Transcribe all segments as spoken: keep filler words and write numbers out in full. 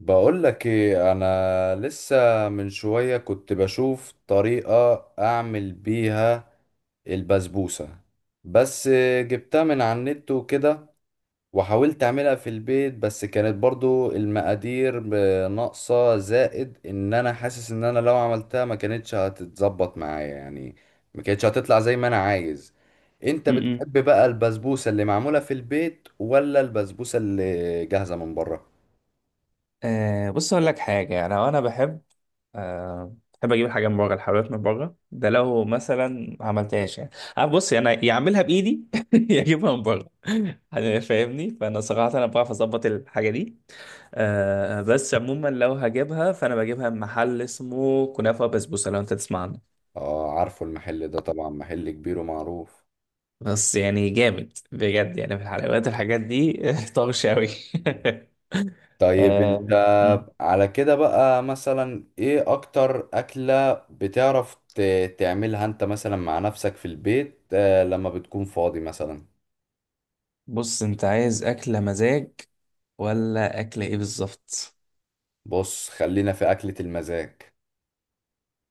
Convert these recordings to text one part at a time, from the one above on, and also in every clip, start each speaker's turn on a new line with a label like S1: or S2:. S1: بقول لك ايه، انا لسه من شوية كنت بشوف طريقة اعمل بيها البسبوسة، بس جبتها من على النت وكده، وحاولت اعملها في البيت بس كانت برضو المقادير ناقصة. زائد ان انا حاسس ان انا لو عملتها ما كانتش هتتظبط معايا، يعني ما كانتش هتطلع زي ما انا عايز. انت
S2: م-م.
S1: بتحب بقى البسبوسة اللي معمولة في البيت ولا البسبوسة اللي جاهزة من بره؟
S2: آه، بص اقول لك حاجه. انا وانا بحب، آه، بحب اجيب الحاجه من بره، الحلويات من بره ده لو مثلا ما عملتهاش يعني. آه، بص انا يا اعملها بايدي يا اجيبها من بره. فاهمني، فانا صراحه انا بعرف اظبط الحاجه دي. آه، بس عموما لو هجيبها فانا بجيبها من محل اسمه كنافه بسبوسه، لو انت تسمع عنه.
S1: اه، عارفه المحل ده طبعا، محل كبير ومعروف.
S2: بس يعني جامد بجد، يعني في الحلويات الحاجات دي طرش قوي.
S1: طيب انت
S2: آه.
S1: على كده بقى، مثلا ايه اكتر اكلة بتعرف ت- تعملها انت مثلا مع نفسك في البيت، آه، لما بتكون فاضي مثلا؟
S2: بص انت عايز اكله مزاج ولا اكله ايه بالظبط؟
S1: بص خلينا في اكلة المزاج.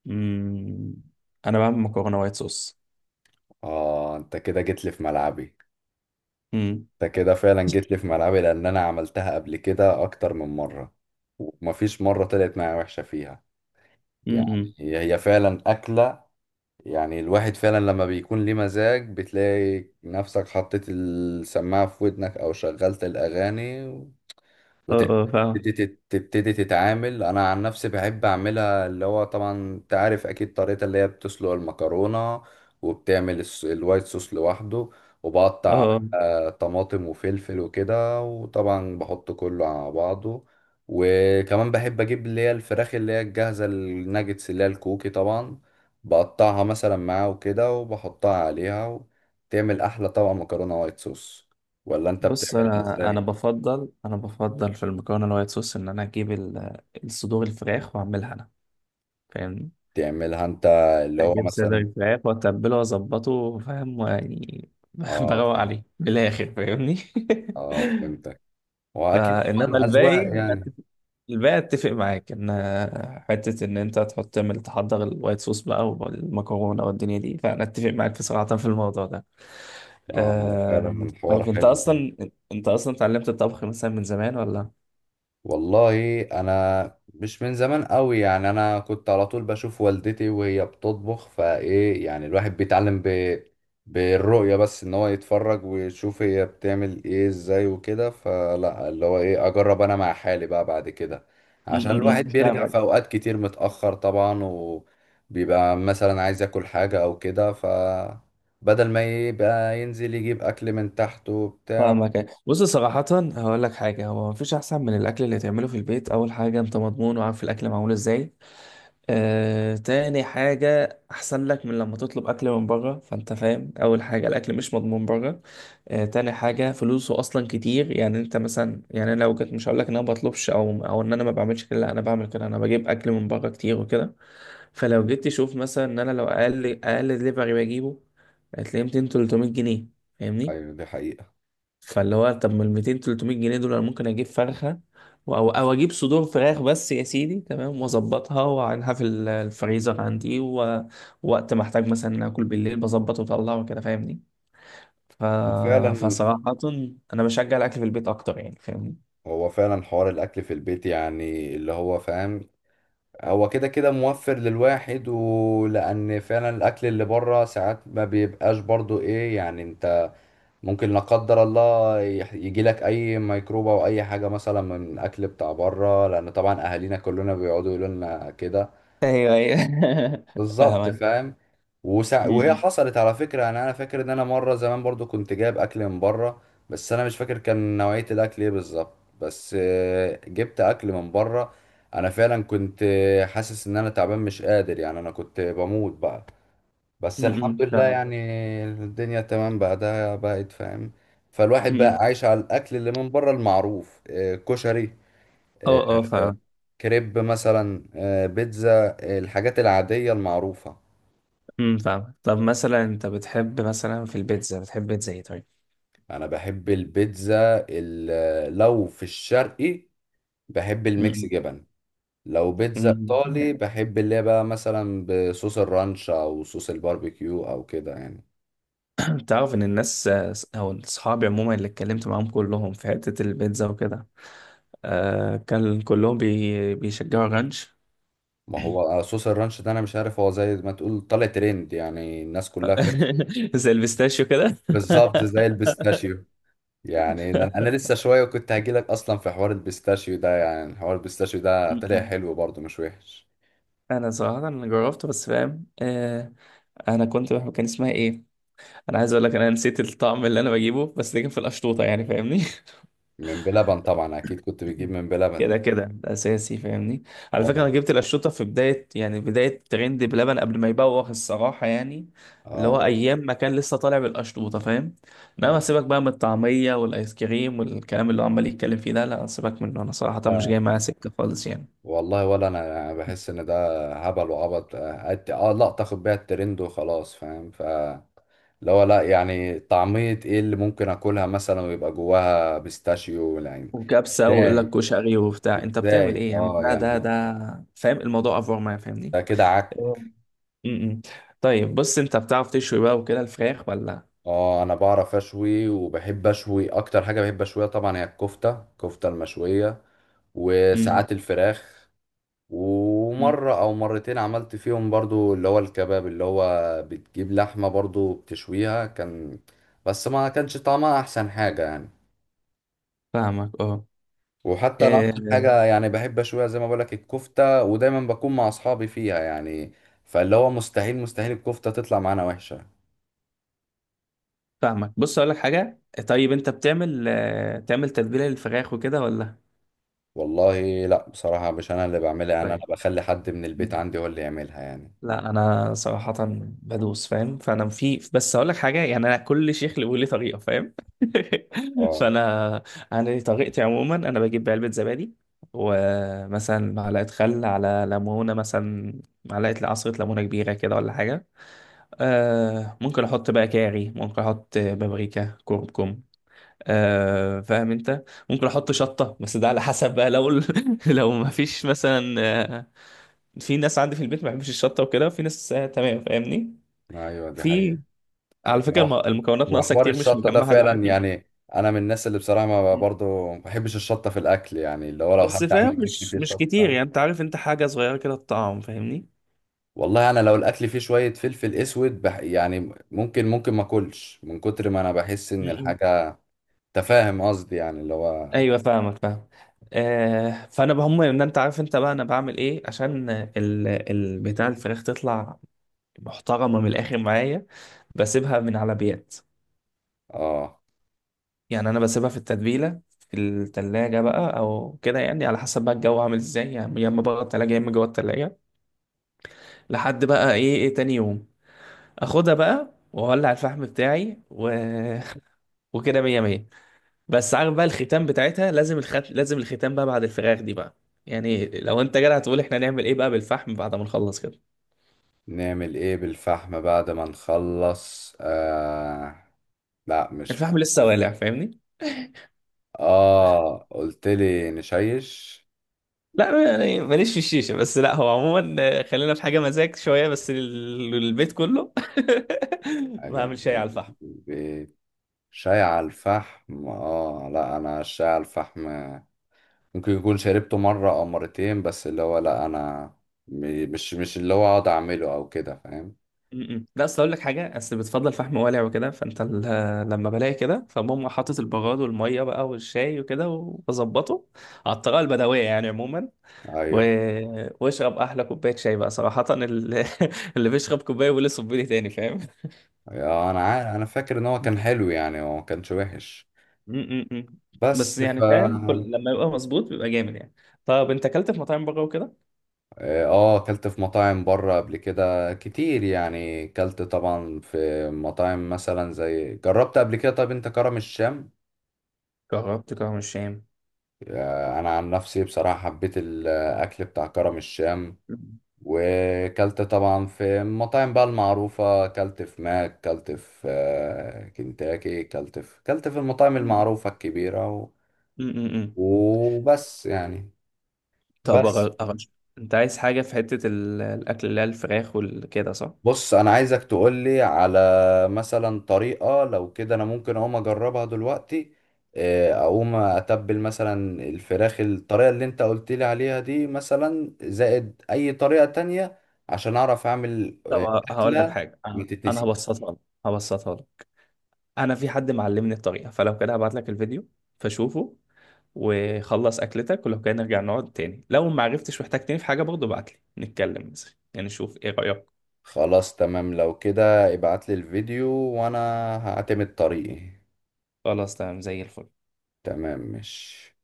S2: مم. انا بعمل مكرونه وايت صوص.
S1: اه، انت كده جيت لي في ملعبي.
S2: امم
S1: انت كده فعلا جيت لي في ملعبي لان انا عملتها قبل كده اكتر من مرة، ومفيش مرة طلعت معايا وحشة فيها. يعني
S2: امم
S1: هي فعلا أكلة، يعني الواحد فعلا لما بيكون ليه مزاج بتلاقي نفسك حطيت السماعة في ودنك أو شغلت الأغاني
S2: اه، اه، فاهم.
S1: وتبتدي تتعامل. انا عن نفسي بحب اعملها، اللي هو طبعا انت عارف اكيد طريقة اللي هي بتسلق المكرونة وبتعمل الس- الوايت صوص لوحده،
S2: اه،
S1: وبقطع
S2: آه.
S1: آه، طماطم وفلفل وكده، وطبعا بحط كله على بعضه. وكمان بحب اجيب اللي هي الفراخ اللي هي الجاهزة، الناجتس اللي هي الكوكي طبعا، بقطعها مثلا معاه وكده وبحطها عليها، وتعمل احلى طبق مكرونة وايت صوص. ولا انت
S2: بص
S1: بتعملها
S2: انا انا
S1: ازاي؟
S2: بفضل انا بفضل في المكرونه الوايت صوص ان انا اجيب ال- الصدور الفراخ واعملها انا. فاهم.
S1: تعملها انت، اللي هو
S2: اجيب صدر
S1: مثلا.
S2: الفراخ واتبله واظبطه، فاهم يعني،
S1: اه
S2: بروق
S1: فهمت،
S2: عليه بالاخر، فاهمني.
S1: اه فهمتك. واكيد
S2: فانما
S1: طبعا
S2: الباقي
S1: اذواق
S2: انا
S1: يعني.
S2: اتفق، الباقي اتفق معاك ان، آه، حته ان انت تحط تعمل تحضر الوايت صوص بقى، والمكرونه والدنيا دي، فانا اتفق معاك، في صراحه، في الموضوع ده.
S1: اه، هو
S2: أه...
S1: فعلا الحوار
S2: طيب انت
S1: حلو يعني.
S2: اصلا، انت اصلا اتعلمت الطبخ مثلا من زمان ولا؟
S1: والله انا مش من زمان قوي، يعني انا كنت على طول بشوف والدتي وهي بتطبخ، فايه يعني الواحد بيتعلم ب... بالرؤية، بس ان هو يتفرج ويشوف هي بتعمل ايه ازاي وكده، فلا اللي هو ايه اجرب انا مع حالي بقى بعد كده.
S2: م-
S1: عشان
S2: م- م.
S1: الواحد بيرجع في
S2: فاهمك.
S1: اوقات كتير متأخر طبعا وبيبقى مثلا عايز ياكل حاجة او كده، ف بدل ما يبقى ينزل يجيب اكل من تحته وبتاع.
S2: فاهمك، بص صراحة هقول لك حاجة. هو مفيش أحسن من الأكل اللي تعمله في البيت. أول حاجة أنت مضمون وعارف الأكل معمول إزاي. آه، تاني حاجة أحسن لك من لما تطلب أكل من بره، فأنت فاهم أول حاجة الأكل مش مضمون بره. آه، تاني حاجة فلوسه أصلا كتير. يعني أنت مثلا، يعني أنا لو كنت، مش هقولك إن أنا بطلبش أو أو إن أنا ما بعملش كده، لا أنا بعمل كده، أنا بجيب أكل من بره كتير وكده. فلو جيت تشوف مثلا إن أنا لو أقل أقل دليفري بجيبه، هتلاقيه مائتين تلتمية جنيه، فاهمني.
S1: أيوة دي حقيقة.
S2: فاللي هو طب ما ال مائتين تلتمية جنيه دول انا ممكن اجيب فرخه، و- او او اجيب صدور فراخ بس يا سيدي، تمام، واظبطها واعينها في ال- الفريزر عندي، و ووقت ما احتاج مثلا اكل بالليل بظبط واطلع وكده، فاهمني. ف...
S1: وفعلا
S2: فصراحه انا بشجع الاكل في البيت اكتر، يعني فاهمني.
S1: هو فعلا حوار الاكل في البيت، يعني اللي هو فاهم، هو كده كده موفر للواحد. ولان فعلا الاكل اللي بره ساعات ما بيبقاش برضو ايه، يعني انت ممكن لا قدر الله يجي لك اي ميكروب او اي حاجه مثلا من الاكل بتاع بره، لان طبعا اهالينا كلنا بيقعدوا يقولوا لنا كده.
S2: ايوه ايوه
S1: بالظبط
S2: فاهمك.
S1: فاهم. وسع... وهي
S2: م-
S1: حصلت على فكرة، يعني انا فاكر ان انا مرة زمان برضو كنت جايب اكل من بره. بس انا مش فاكر كان نوعية الاكل ايه بالظبط، بس آه، جبت اكل من بره. انا فعلا كنت آه، حاسس ان انا تعبان مش قادر، يعني انا كنت بموت بقى،
S2: م-
S1: بس الحمد
S2: م-
S1: لله
S2: فاهمك.
S1: يعني الدنيا تمام بقى، ده بقت فاهم.
S2: م-
S1: فالواحد بقى
S2: م.
S1: عايش على الاكل اللي من بره المعروف، آه، كشري، آه،
S2: اه، اه، فاهم.
S1: كريب مثلا، آه، بيتزا، آه، الحاجات العادية المعروفة.
S2: م- فاهم. طب مثلا انت بتحب مثلا في البيتزا بتحب بيتزا ايه طيب؟
S1: انا بحب البيتزا، ال- لو في الشرقي بحب الميكس
S2: م-
S1: جبن. لو بيتزا
S2: مم.
S1: ايطالي
S2: م.
S1: بحب اللي هي بقى مثلا بصوص الرانش او صوص الباربيكيو او كده يعني.
S2: تعرف ان الناس، او اصحابي عموما اللي اتكلمت معاهم، كلهم في حتة البيتزا وكده، آه، كان كلهم بي بيشجعوا رانش.
S1: ما هو آه، صوص الرانش ده انا مش عارف، هو زي ما تقول طالع ترند، يعني الناس كلها فين.
S2: زي البيستاشيو كده.
S1: بالظبط زي البيستاشيو. يعني ده انا لسه شويه كنت هجيلك اصلا في حوار البيستاشيو ده، يعني حوار البيستاشيو ده طلع
S2: م-م.
S1: حلو برضه مش وحش.
S2: انا صراحة انا جربته بس، فاهم، آه. انا كنت بحب، كان اسمها ايه، انا عايز اقول لك، انا نسيت الطعم اللي انا بجيبه، بس ده كان في القشطوطة يعني، فاهمني.
S1: من بلبن طبعا، اكيد كنت بتجيب من بلبن.
S2: كده كده ده اساسي، فاهمني. على فكره
S1: والله.
S2: انا جبت القشطوطه في بدايه، يعني بدايه ترند بلبن، قبل ما يبوخ الصراحه يعني. اللي هو
S1: اه
S2: مم، ايام ما كان لسه طالع بالقشطوطه، فاهم. انما سيبك بقى من الطعميه والايس كريم والكلام اللي هو عمال يتكلم فيه ده، لا سيبك منه، انا صراحه مش جاي
S1: آه.
S2: معايا سكه خالص يعني.
S1: والله ولا انا يعني بحس ان ده هبل وعبط. اه، أت- آه، لقطة اخد بيها الترند وخلاص فاهم، ف اللي هو لا يعني طعمية ايه اللي ممكن اكلها مثلا ويبقى جواها بيستاشيو يعني.
S2: وكبسه ويقول لك
S1: ازاي؟
S2: كشري وبتاع، انت بتعمل
S1: ازاي
S2: ايه يا عم؟
S1: اه
S2: لا ده
S1: يعني،
S2: ده فاهم الموضوع افور معايا، فاهمني.
S1: ده كده عك.
S2: آه. م-م. طيب بص، انت بتعرف تشوي بقى وكده الفراخ ولا؟
S1: اه، انا بعرف اشوي وبحب اشوي. اكتر حاجة بحب اشويها طبعا هي الكفتة، الكفتة المشوية.
S2: م-م.
S1: وساعات الفراخ.
S2: مم.
S1: ومرة أو مرتين عملت فيهم برضو اللي هو الكباب، اللي هو بتجيب لحمة برضو بتشويها كان، بس ما كانش طعمها أحسن حاجة يعني.
S2: فاهمك، اه،
S1: وحتى أنا أكتر
S2: آه،
S1: حاجة يعني بحب أشويها زي ما بقولك الكفتة، ودايما بكون مع أصحابي فيها يعني. فاللي هو مستحيل مستحيل الكفتة تطلع معانا وحشة.
S2: فاهمك. بص اقول لك حاجه، طيب انت بتعمل، آه، تعمل تتبيله للفراخ وكده ولا؟
S1: والله لا، بصراحة مش أنا اللي بعملها، يعني أنا
S2: طيب.
S1: بخلي حد من البيت عندي هو اللي يعملها يعني.
S2: لا انا صراحه بدوس فاهم. فانا في، بس اقول لك حاجه، يعني انا كل شيخ له لي طريقه، فاهم.
S1: اه.
S2: فانا انا لي طريقتي عموما. انا بجيب علبه زبادي، ومثلا معلقه خل على ليمونه، مثلا معلقه عصره ليمونه كبيره كده ولا حاجه. أه، ممكن احط بقى كاري، ممكن احط بابريكا، كركم، آه فاهم انت. ممكن احط شطه بس ده على حسب بقى، لو ال- لو ما فيش مثلا، آه، في ناس عندي في البيت ما بيحبش الشطه وكده، في ناس آه، تمام، فاهمني.
S1: أيوة دي حقيقة.
S2: في، على فكره الم-
S1: وح-
S2: المكونات ناقصه
S1: وحوار
S2: كتير، مش
S1: الشطة ده
S2: مجمعها
S1: فعلا
S2: دلوقتي.
S1: يعني، أنا من الناس اللي بصراحة ما
S2: م-
S1: برضو ما بحبش الشطة في الأكل، يعني اللي هو لو
S2: بس
S1: حد
S2: فاهم،
S1: عمل أكل
S2: مش
S1: فيه
S2: مش كتير
S1: شطة.
S2: يعني، انت عارف، انت حاجه صغيره كده الطعم، فاهمني.
S1: والله أنا لو الأكل فيه شوية فلفل أسود بح، يعني ممكن ممكن ما أكلش من كتر ما أنا بحس إن
S2: م-
S1: الحاجة تفاهم قصدي، يعني اللي هو.
S2: ايوه، فاهمك، فاهم. آه، فانا بهم ان انت عارف انت بقى انا بعمل ايه عشان ال ال- بتاع الفراخ تطلع محترمه من الاخر معايا. بسيبها من على بيات،
S1: آه.
S2: يعني انا بسيبها في التتبيله في التلاجة بقى او كده، يعني على حسب بقى الجو عامل ازاي يعني، يا اما بره التلاجة يا اما جوه التلاجة، لحد بقى ايه، ايه تاني يوم اخدها بقى واولع الفحم بتاعي، و... وكده مية مية. بس عارف بقى الختام بتاعتها لازم، الخت... لازم الختام بقى بعد الفراخ دي بقى، يعني لو انت جدع هتقول احنا نعمل ايه بقى بالفحم بعد ما نخلص كده.
S1: نعمل إيه بالفحم بعد ما نخلص؟ آه لا، مش في.
S2: الفحم لسه والع، فاهمني.
S1: آه، قلت لي نشيش.
S2: لا يعني ماليش في الشيشه، بس لا هو عموما، آه، خلينا في حاجه مزاج شويه بس لل- للبيت كله.
S1: حاجة
S2: بعمل شاي
S1: من
S2: على الفحم.
S1: البيت. شاي على الفحم؟ اه لا، انا الشاي على الفحم ممكن يكون شربته مرة او مرتين، بس اللي هو لا انا م- مش مش اللي هو اقعد اعمله او كده، فاهم.
S2: م- م. لا اصل اقول لك حاجه، اصل بتفضل فحم والع وكده، فانت ال- لما بلاقي كده فبقوم حاطط البغاد والميه بقى والشاي وكده وبظبطه على الطريقه البدويه يعني عموما، و
S1: ايوه
S2: واشرب احلى كوبايه شاي بقى صراحه، ال- اللي بيشرب كوبايه ولا صبيلي تاني، فاهم.
S1: آه، انا عارف، انا فاكر ان هو كان حلو يعني، هو ما كانش وحش.
S2: م- م- م.
S1: بس
S2: بس
S1: ف
S2: يعني فاهم،
S1: اه.
S2: كل، لما يبقى مظبوط بيبقى جامد يعني. طب انت اكلت في مطاعم بره وكده؟
S1: آه، اكلت في مطاعم بره قبل كده كتير، يعني اكلت طبعا في مطاعم مثلا، زي جربت قبل كده. طب انت كرم الشام.
S2: جربت كرم الشام.
S1: آه، انا عن نفسي بصراحة حبيت الاكل بتاع كرم الشام. وكلت طبعا في المطاعم بقى المعروفة، كلت في ماك، كلت في آه، كنتاكي، كلت في كلت في المطاعم المعروفة الكبيرة و...
S2: امم.
S1: وبس يعني.
S2: طب
S1: بس
S2: أغ- أغش... انت عايز حاجة في حتة ال- الأكل اللي هي الفراخ والكده صح؟
S1: بص، أنا عايزك تقولي على مثلا طريقة لو كده أنا ممكن أقوم أجربها دلوقتي. آه، أقوم أتبل مثلا الفراخ الطريقة اللي أنت قلت لي عليها دي، مثلا زائد أي طريقة تانية عشان أعرف أعمل
S2: طب
S1: آه،
S2: ه- هقول لك
S1: أكلة.
S2: حاجة، أنا أنا
S1: متتنسيش.
S2: هبسطها لك، هبسطها لك، أنا في حد معلمني الطريقة، فلو كده هبعت لك الفيديو، فشوفه وخلص أكلتك، ولو كده نرجع نقعد تاني، لو ما عرفتش واحتجتني في حاجة برضه ابعت لي نتكلم مثلا يعني، نشوف إيه رأيك؟
S1: خلاص تمام، لو كده ابعتلي الفيديو، وانا هعتمد طريقي.
S2: خلاص تمام زي الفل.
S1: تمام ماشي.